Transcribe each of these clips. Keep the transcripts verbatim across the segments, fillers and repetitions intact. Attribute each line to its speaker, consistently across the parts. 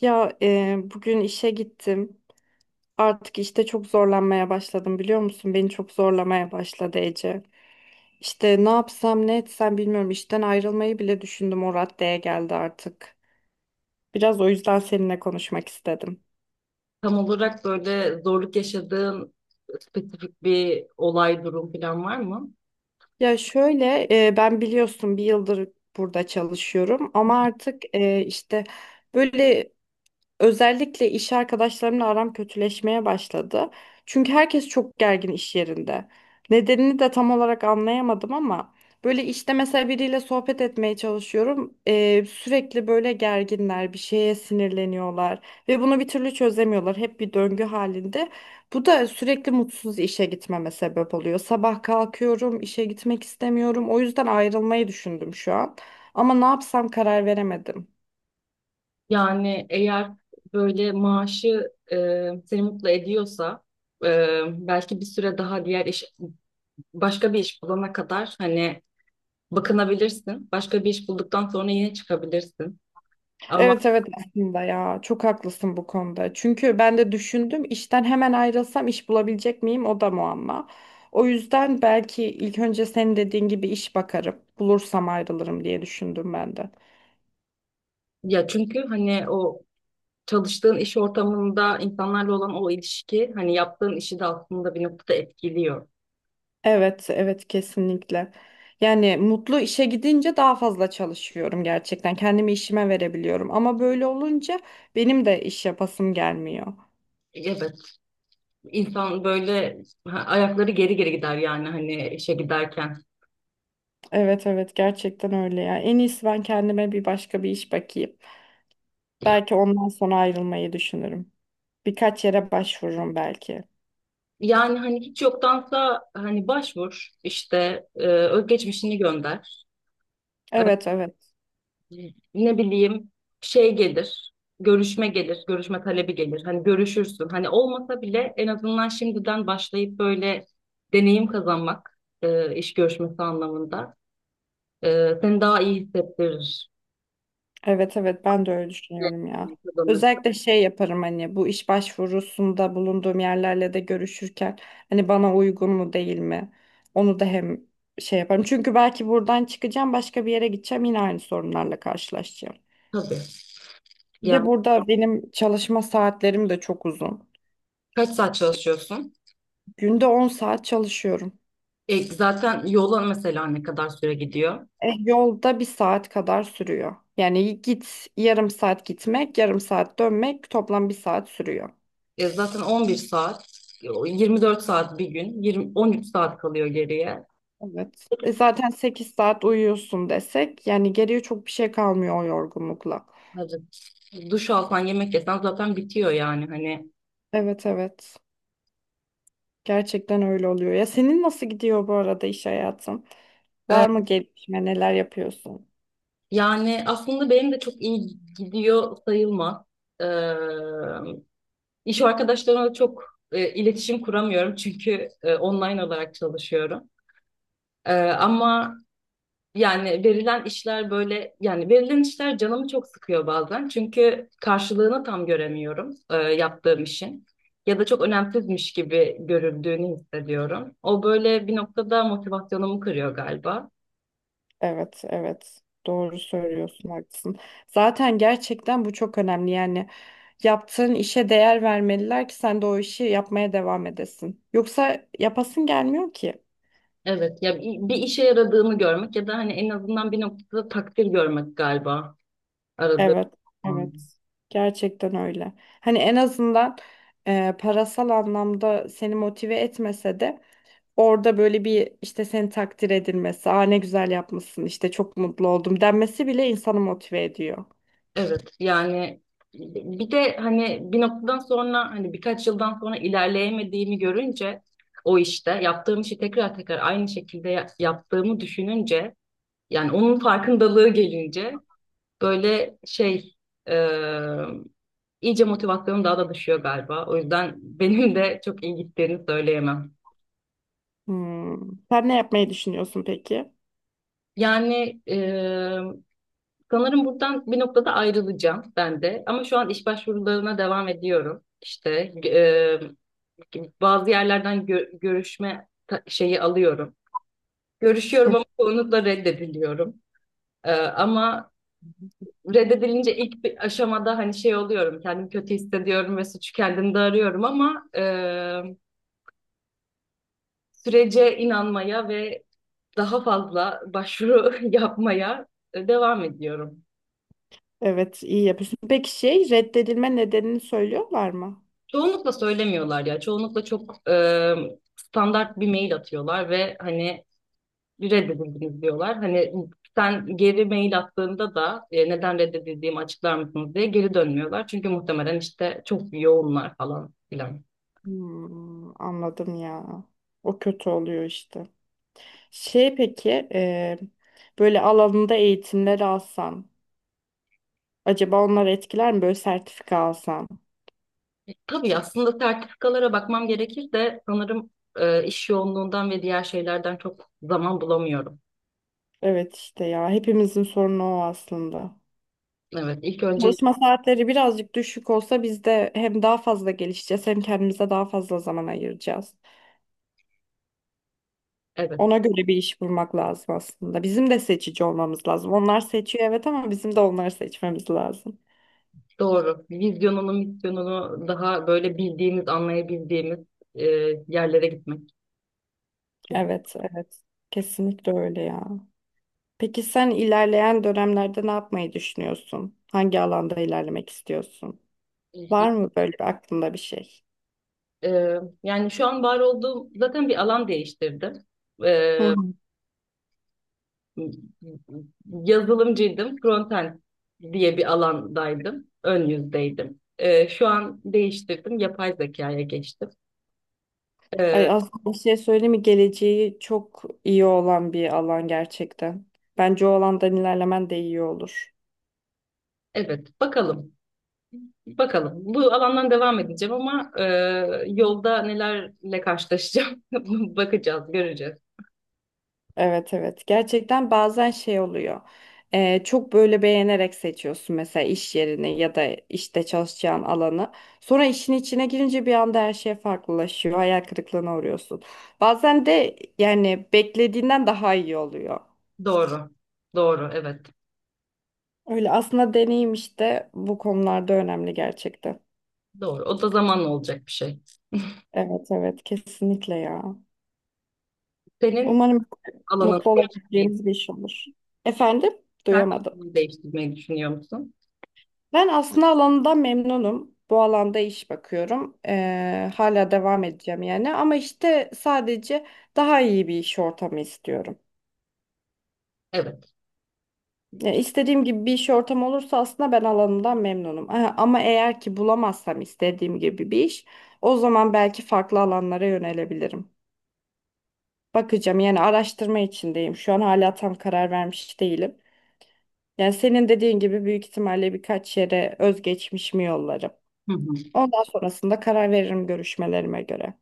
Speaker 1: Ya e, bugün işe gittim. Artık işte çok zorlanmaya başladım, biliyor musun? Beni çok zorlamaya başladı, Ece. İşte ne yapsam ne etsem bilmiyorum. İşten ayrılmayı bile düşündüm. O raddeye geldi artık. Biraz o yüzden seninle konuşmak istedim.
Speaker 2: Tam olarak böyle zorluk yaşadığın spesifik bir olay, durum falan var mı?
Speaker 1: Ya şöyle e, ben biliyorsun bir yıldır burada çalışıyorum, ama artık e, işte böyle. Özellikle iş arkadaşlarımla aram kötüleşmeye başladı. Çünkü herkes çok gergin iş yerinde. Nedenini de tam olarak anlayamadım, ama böyle işte mesela biriyle sohbet etmeye çalışıyorum. Ee, sürekli böyle gerginler, bir şeye sinirleniyorlar ve bunu bir türlü çözemiyorlar. Hep bir döngü halinde. Bu da sürekli mutsuz işe gitmeme sebep oluyor. Sabah kalkıyorum, işe gitmek istemiyorum. O yüzden ayrılmayı düşündüm şu an. Ama ne yapsam karar veremedim.
Speaker 2: Yani eğer böyle maaşı e, seni mutlu ediyorsa e, belki bir süre daha diğer iş, başka bir iş bulana kadar hani bakınabilirsin. Başka bir iş bulduktan sonra yine çıkabilirsin. Ama
Speaker 1: Evet, evet, aslında ya çok haklısın bu konuda. Çünkü ben de düşündüm, işten hemen ayrılsam iş bulabilecek miyim, o da muamma. O yüzden belki ilk önce senin dediğin gibi iş bakarım. Bulursam ayrılırım diye düşündüm ben de.
Speaker 2: ya çünkü hani o çalıştığın iş ortamında insanlarla olan o ilişki hani yaptığın işi de aslında bir noktada etkiliyor.
Speaker 1: Evet, evet, kesinlikle. Yani mutlu işe gidince daha fazla çalışıyorum gerçekten. Kendimi işime verebiliyorum, ama böyle olunca benim de iş yapasım gelmiyor.
Speaker 2: Evet. İnsan böyle ha, ayakları geri geri gider yani hani işe giderken.
Speaker 1: Evet, evet, gerçekten öyle ya. En iyisi ben kendime bir başka bir iş bakayım. Belki ondan sonra ayrılmayı düşünürüm. Birkaç yere başvururum belki.
Speaker 2: Yani hani hiç yoktansa hani başvur işte e, özgeçmişini gönder. E,
Speaker 1: Evet, evet.
Speaker 2: Ne bileyim şey gelir, görüşme gelir, görüşme talebi gelir. Hani görüşürsün. Hani olmasa bile en azından şimdiden başlayıp böyle deneyim kazanmak e, iş görüşmesi anlamında e, seni daha iyi hissettirir.
Speaker 1: Evet, evet, ben de öyle düşünüyorum ya.
Speaker 2: Kazanır.
Speaker 1: Özellikle şey yaparım, hani bu iş başvurusunda bulunduğum yerlerle de görüşürken hani bana uygun mu değil mi? Onu da hem şey yaparım. Çünkü belki buradan çıkacağım, başka bir yere gideceğim, yine aynı sorunlarla karşılaşacağım.
Speaker 2: Tabii.
Speaker 1: Bir de
Speaker 2: Yani
Speaker 1: burada benim çalışma saatlerim de çok uzun.
Speaker 2: kaç saat çalışıyorsun?
Speaker 1: Günde on saat çalışıyorum.
Speaker 2: E, zaten yola mesela ne kadar süre gidiyor?
Speaker 1: E, Yolda bir saat kadar sürüyor. Yani git, yarım saat gitmek, yarım saat dönmek, toplam bir saat sürüyor.
Speaker 2: E, zaten on bir saat, e, yirmi dört saat bir gün, yirmi, on üç saat kalıyor geriye.
Speaker 1: Evet. E, zaten sekiz saat uyuyorsun desek, yani geriye çok bir şey kalmıyor o yorgunlukla.
Speaker 2: Hadi. Duş alsan, yemek yesen zaten bitiyor yani hani.
Speaker 1: Evet, evet. Gerçekten öyle oluyor. Ya senin nasıl gidiyor bu arada iş hayatın?
Speaker 2: E,
Speaker 1: Var mı gelişme? Neler yapıyorsun?
Speaker 2: Yani aslında benim de çok iyi gidiyor sayılmaz. E, iş arkadaşlarımla çok e, iletişim kuramıyorum çünkü e, online olarak çalışıyorum. E, ama yani verilen işler böyle yani verilen işler canımı çok sıkıyor bazen. Çünkü karşılığını tam göremiyorum e, yaptığım işin. Ya da çok önemsizmiş gibi görüldüğünü hissediyorum. O böyle bir noktada motivasyonumu kırıyor galiba.
Speaker 1: Evet, evet. Doğru söylüyorsun, haklısın. Zaten gerçekten bu çok önemli. Yani yaptığın işe değer vermeliler ki sen de o işi yapmaya devam edesin. Yoksa yapasın gelmiyor ki.
Speaker 2: Evet ya bir bir işe yaradığını görmek ya da hani en azından bir noktada takdir görmek galiba aradığım.
Speaker 1: Evet, evet. Gerçekten öyle. Hani en azından e, parasal anlamda seni motive etmese de orada böyle bir işte seni takdir edilmesi, aa ne güzel yapmışsın, işte çok mutlu oldum denmesi bile insanı motive ediyor.
Speaker 2: Evet yani bir de hani bir noktadan sonra hani birkaç yıldan sonra ilerleyemediğimi görünce o işte yaptığım işi tekrar tekrar aynı şekilde ya- yaptığımı düşününce yani onun farkındalığı gelince böyle şey e, iyice motivasyonum daha da düşüyor galiba. O yüzden benim de çok iyi gittiğini söyleyemem.
Speaker 1: Hmm. Sen ne yapmayı düşünüyorsun peki?
Speaker 2: Yani e, sanırım buradan bir noktada ayrılacağım ben de ama şu an iş başvurularına devam ediyorum. İşte bazı yerlerden gö- görüşme ta- şeyi alıyorum. Görüşüyorum ama çoğunlukla reddediliyorum. Ee, ama reddedilince ilk bir aşamada hani şey oluyorum, kendimi kötü hissediyorum ve suçu kendimde arıyorum ama e, sürece inanmaya ve daha fazla başvuru yapmaya e, devam ediyorum.
Speaker 1: Evet, iyi yapıyorsun. Peki şey, reddedilme nedenini söylüyorlar mı?
Speaker 2: Çoğunlukla söylemiyorlar ya, çoğunlukla çok e, standart bir mail atıyorlar ve hani reddedildiniz diyorlar. Hani sen geri mail attığında da e, neden reddedildiğimi açıklar mısınız diye geri dönmüyorlar. Çünkü muhtemelen işte çok yoğunlar falan filan.
Speaker 1: Hmm, anladım ya. O kötü oluyor işte. Şey peki, e, böyle alanında eğitimler alsan acaba onlar etkiler mi? Böyle sertifika alsan.
Speaker 2: E, tabii aslında sertifikalara bakmam gerekir de sanırım e, iş yoğunluğundan ve diğer şeylerden çok zaman bulamıyorum.
Speaker 1: Evet işte ya, hepimizin sorunu o aslında.
Speaker 2: Evet, ilk önce
Speaker 1: Çalışma saatleri birazcık düşük olsa biz de hem daha fazla gelişeceğiz, hem kendimize daha fazla zaman ayıracağız.
Speaker 2: evet
Speaker 1: Ona göre bir iş bulmak lazım aslında. Bizim de seçici olmamız lazım. Onlar seçiyor evet, ama bizim de onları seçmemiz lazım.
Speaker 2: doğru. Vizyonunu, misyonunu daha böyle bildiğimiz, anlayabildiğimiz e, yerlere gitmek.
Speaker 1: Evet, evet. Kesinlikle öyle ya. Peki sen ilerleyen dönemlerde ne yapmayı düşünüyorsun? Hangi alanda ilerlemek istiyorsun? Var mı böyle bir aklında bir şey?
Speaker 2: Ee, yani şu an var olduğum zaten bir alan değiştirdim.
Speaker 1: Hı
Speaker 2: Ee,
Speaker 1: hı.
Speaker 2: Yazılımcıydım. Frontend diye bir alandaydım. Ön yüzdeydim. Ee, şu an değiştirdim. Yapay zekaya geçtim.
Speaker 1: Ay,
Speaker 2: Ee,
Speaker 1: aslında bir şey söyleyeyim mi? Geleceği çok iyi olan bir alan gerçekten. Bence o alandan ilerlemen de iyi olur.
Speaker 2: evet bakalım. Bakalım. Bu alandan devam edeceğim ama e, yolda nelerle karşılaşacağım bakacağız, göreceğiz.
Speaker 1: Evet, evet, gerçekten bazen şey oluyor. Ee, çok böyle beğenerek seçiyorsun, mesela iş yerini ya da işte çalışacağın alanı, sonra işin içine girince bir anda her şey farklılaşıyor, hayal kırıklığına uğruyorsun, bazen de yani beklediğinden daha iyi oluyor.
Speaker 2: Doğru. Doğru, evet.
Speaker 1: Öyle, aslında deneyim işte bu konularda önemli gerçekten.
Speaker 2: Doğru. O da zamanla olacak bir şey.
Speaker 1: Evet, evet, kesinlikle ya.
Speaker 2: Senin
Speaker 1: Umarım
Speaker 2: alanın.
Speaker 1: mutlu olabileceğimiz bir iş olur. Efendim, duyamadım.
Speaker 2: Versiyonu değiştirmeyi düşünüyor musun?
Speaker 1: Ben aslında alanından memnunum. Bu alanda iş bakıyorum. Ee, hala devam edeceğim yani. Ama işte sadece daha iyi bir iş ortamı istiyorum.
Speaker 2: Evet.
Speaker 1: Yani istediğim gibi bir iş ortamı olursa aslında ben alanından memnunum. Aha, ama eğer ki bulamazsam istediğim gibi bir iş, o zaman belki farklı alanlara yönelebilirim. Bakacağım, yani araştırma içindeyim. Şu an hala tam karar vermiş değilim. Yani senin dediğin gibi büyük ihtimalle birkaç yere özgeçmişimi yollarım.
Speaker 2: Hı hı.
Speaker 1: Ondan sonrasında karar veririm görüşmelerime göre.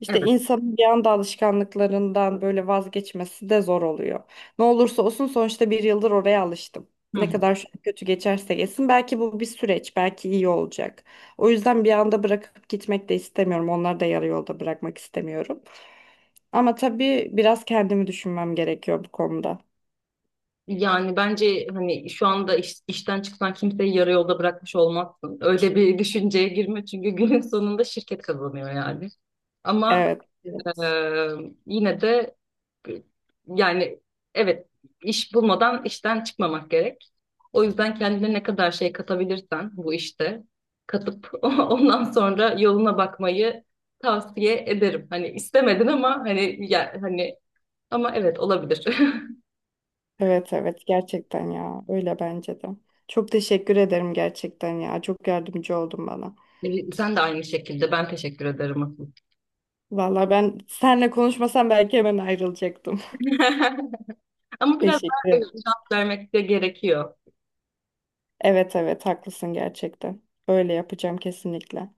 Speaker 1: İşte
Speaker 2: Evet.
Speaker 1: insanın bir anda alışkanlıklarından böyle vazgeçmesi de zor oluyor. Ne olursa olsun sonuçta bir yıldır oraya alıştım.
Speaker 2: Hı
Speaker 1: Ne
Speaker 2: hı.
Speaker 1: kadar şu an kötü geçerse geçsin, belki bu bir süreç, belki iyi olacak. O yüzden bir anda bırakıp gitmek de istemiyorum. Onları da yarı yolda bırakmak istemiyorum. Ama tabii biraz kendimi düşünmem gerekiyor bu konuda.
Speaker 2: Yani bence hani şu anda iş- işten çıksan kimseyi yarı yolda bırakmış olmazsın. Öyle bir düşünceye girme çünkü günün sonunda şirket kazanıyor yani. Ama
Speaker 1: Evet,
Speaker 2: Ee,
Speaker 1: evet.
Speaker 2: yine de yani evet iş bulmadan işten çıkmamak gerek. O yüzden kendine ne kadar şey katabilirsen bu işte katıp ondan sonra yoluna bakmayı tavsiye ederim. Hani istemedin ama hani ya, hani ama evet olabilir.
Speaker 1: Evet, evet, gerçekten ya. Öyle bence de. Çok teşekkür ederim gerçekten ya. Çok yardımcı oldun bana.
Speaker 2: Ee, Sen de aynı şekilde ben teşekkür ederim asıl.
Speaker 1: Valla ben senle konuşmasam belki hemen ayrılacaktım.
Speaker 2: Ama biraz daha
Speaker 1: Teşekkür
Speaker 2: evet,
Speaker 1: ederim.
Speaker 2: şans vermek de gerekiyor.
Speaker 1: Evet, evet, haklısın gerçekten. Öyle yapacağım kesinlikle.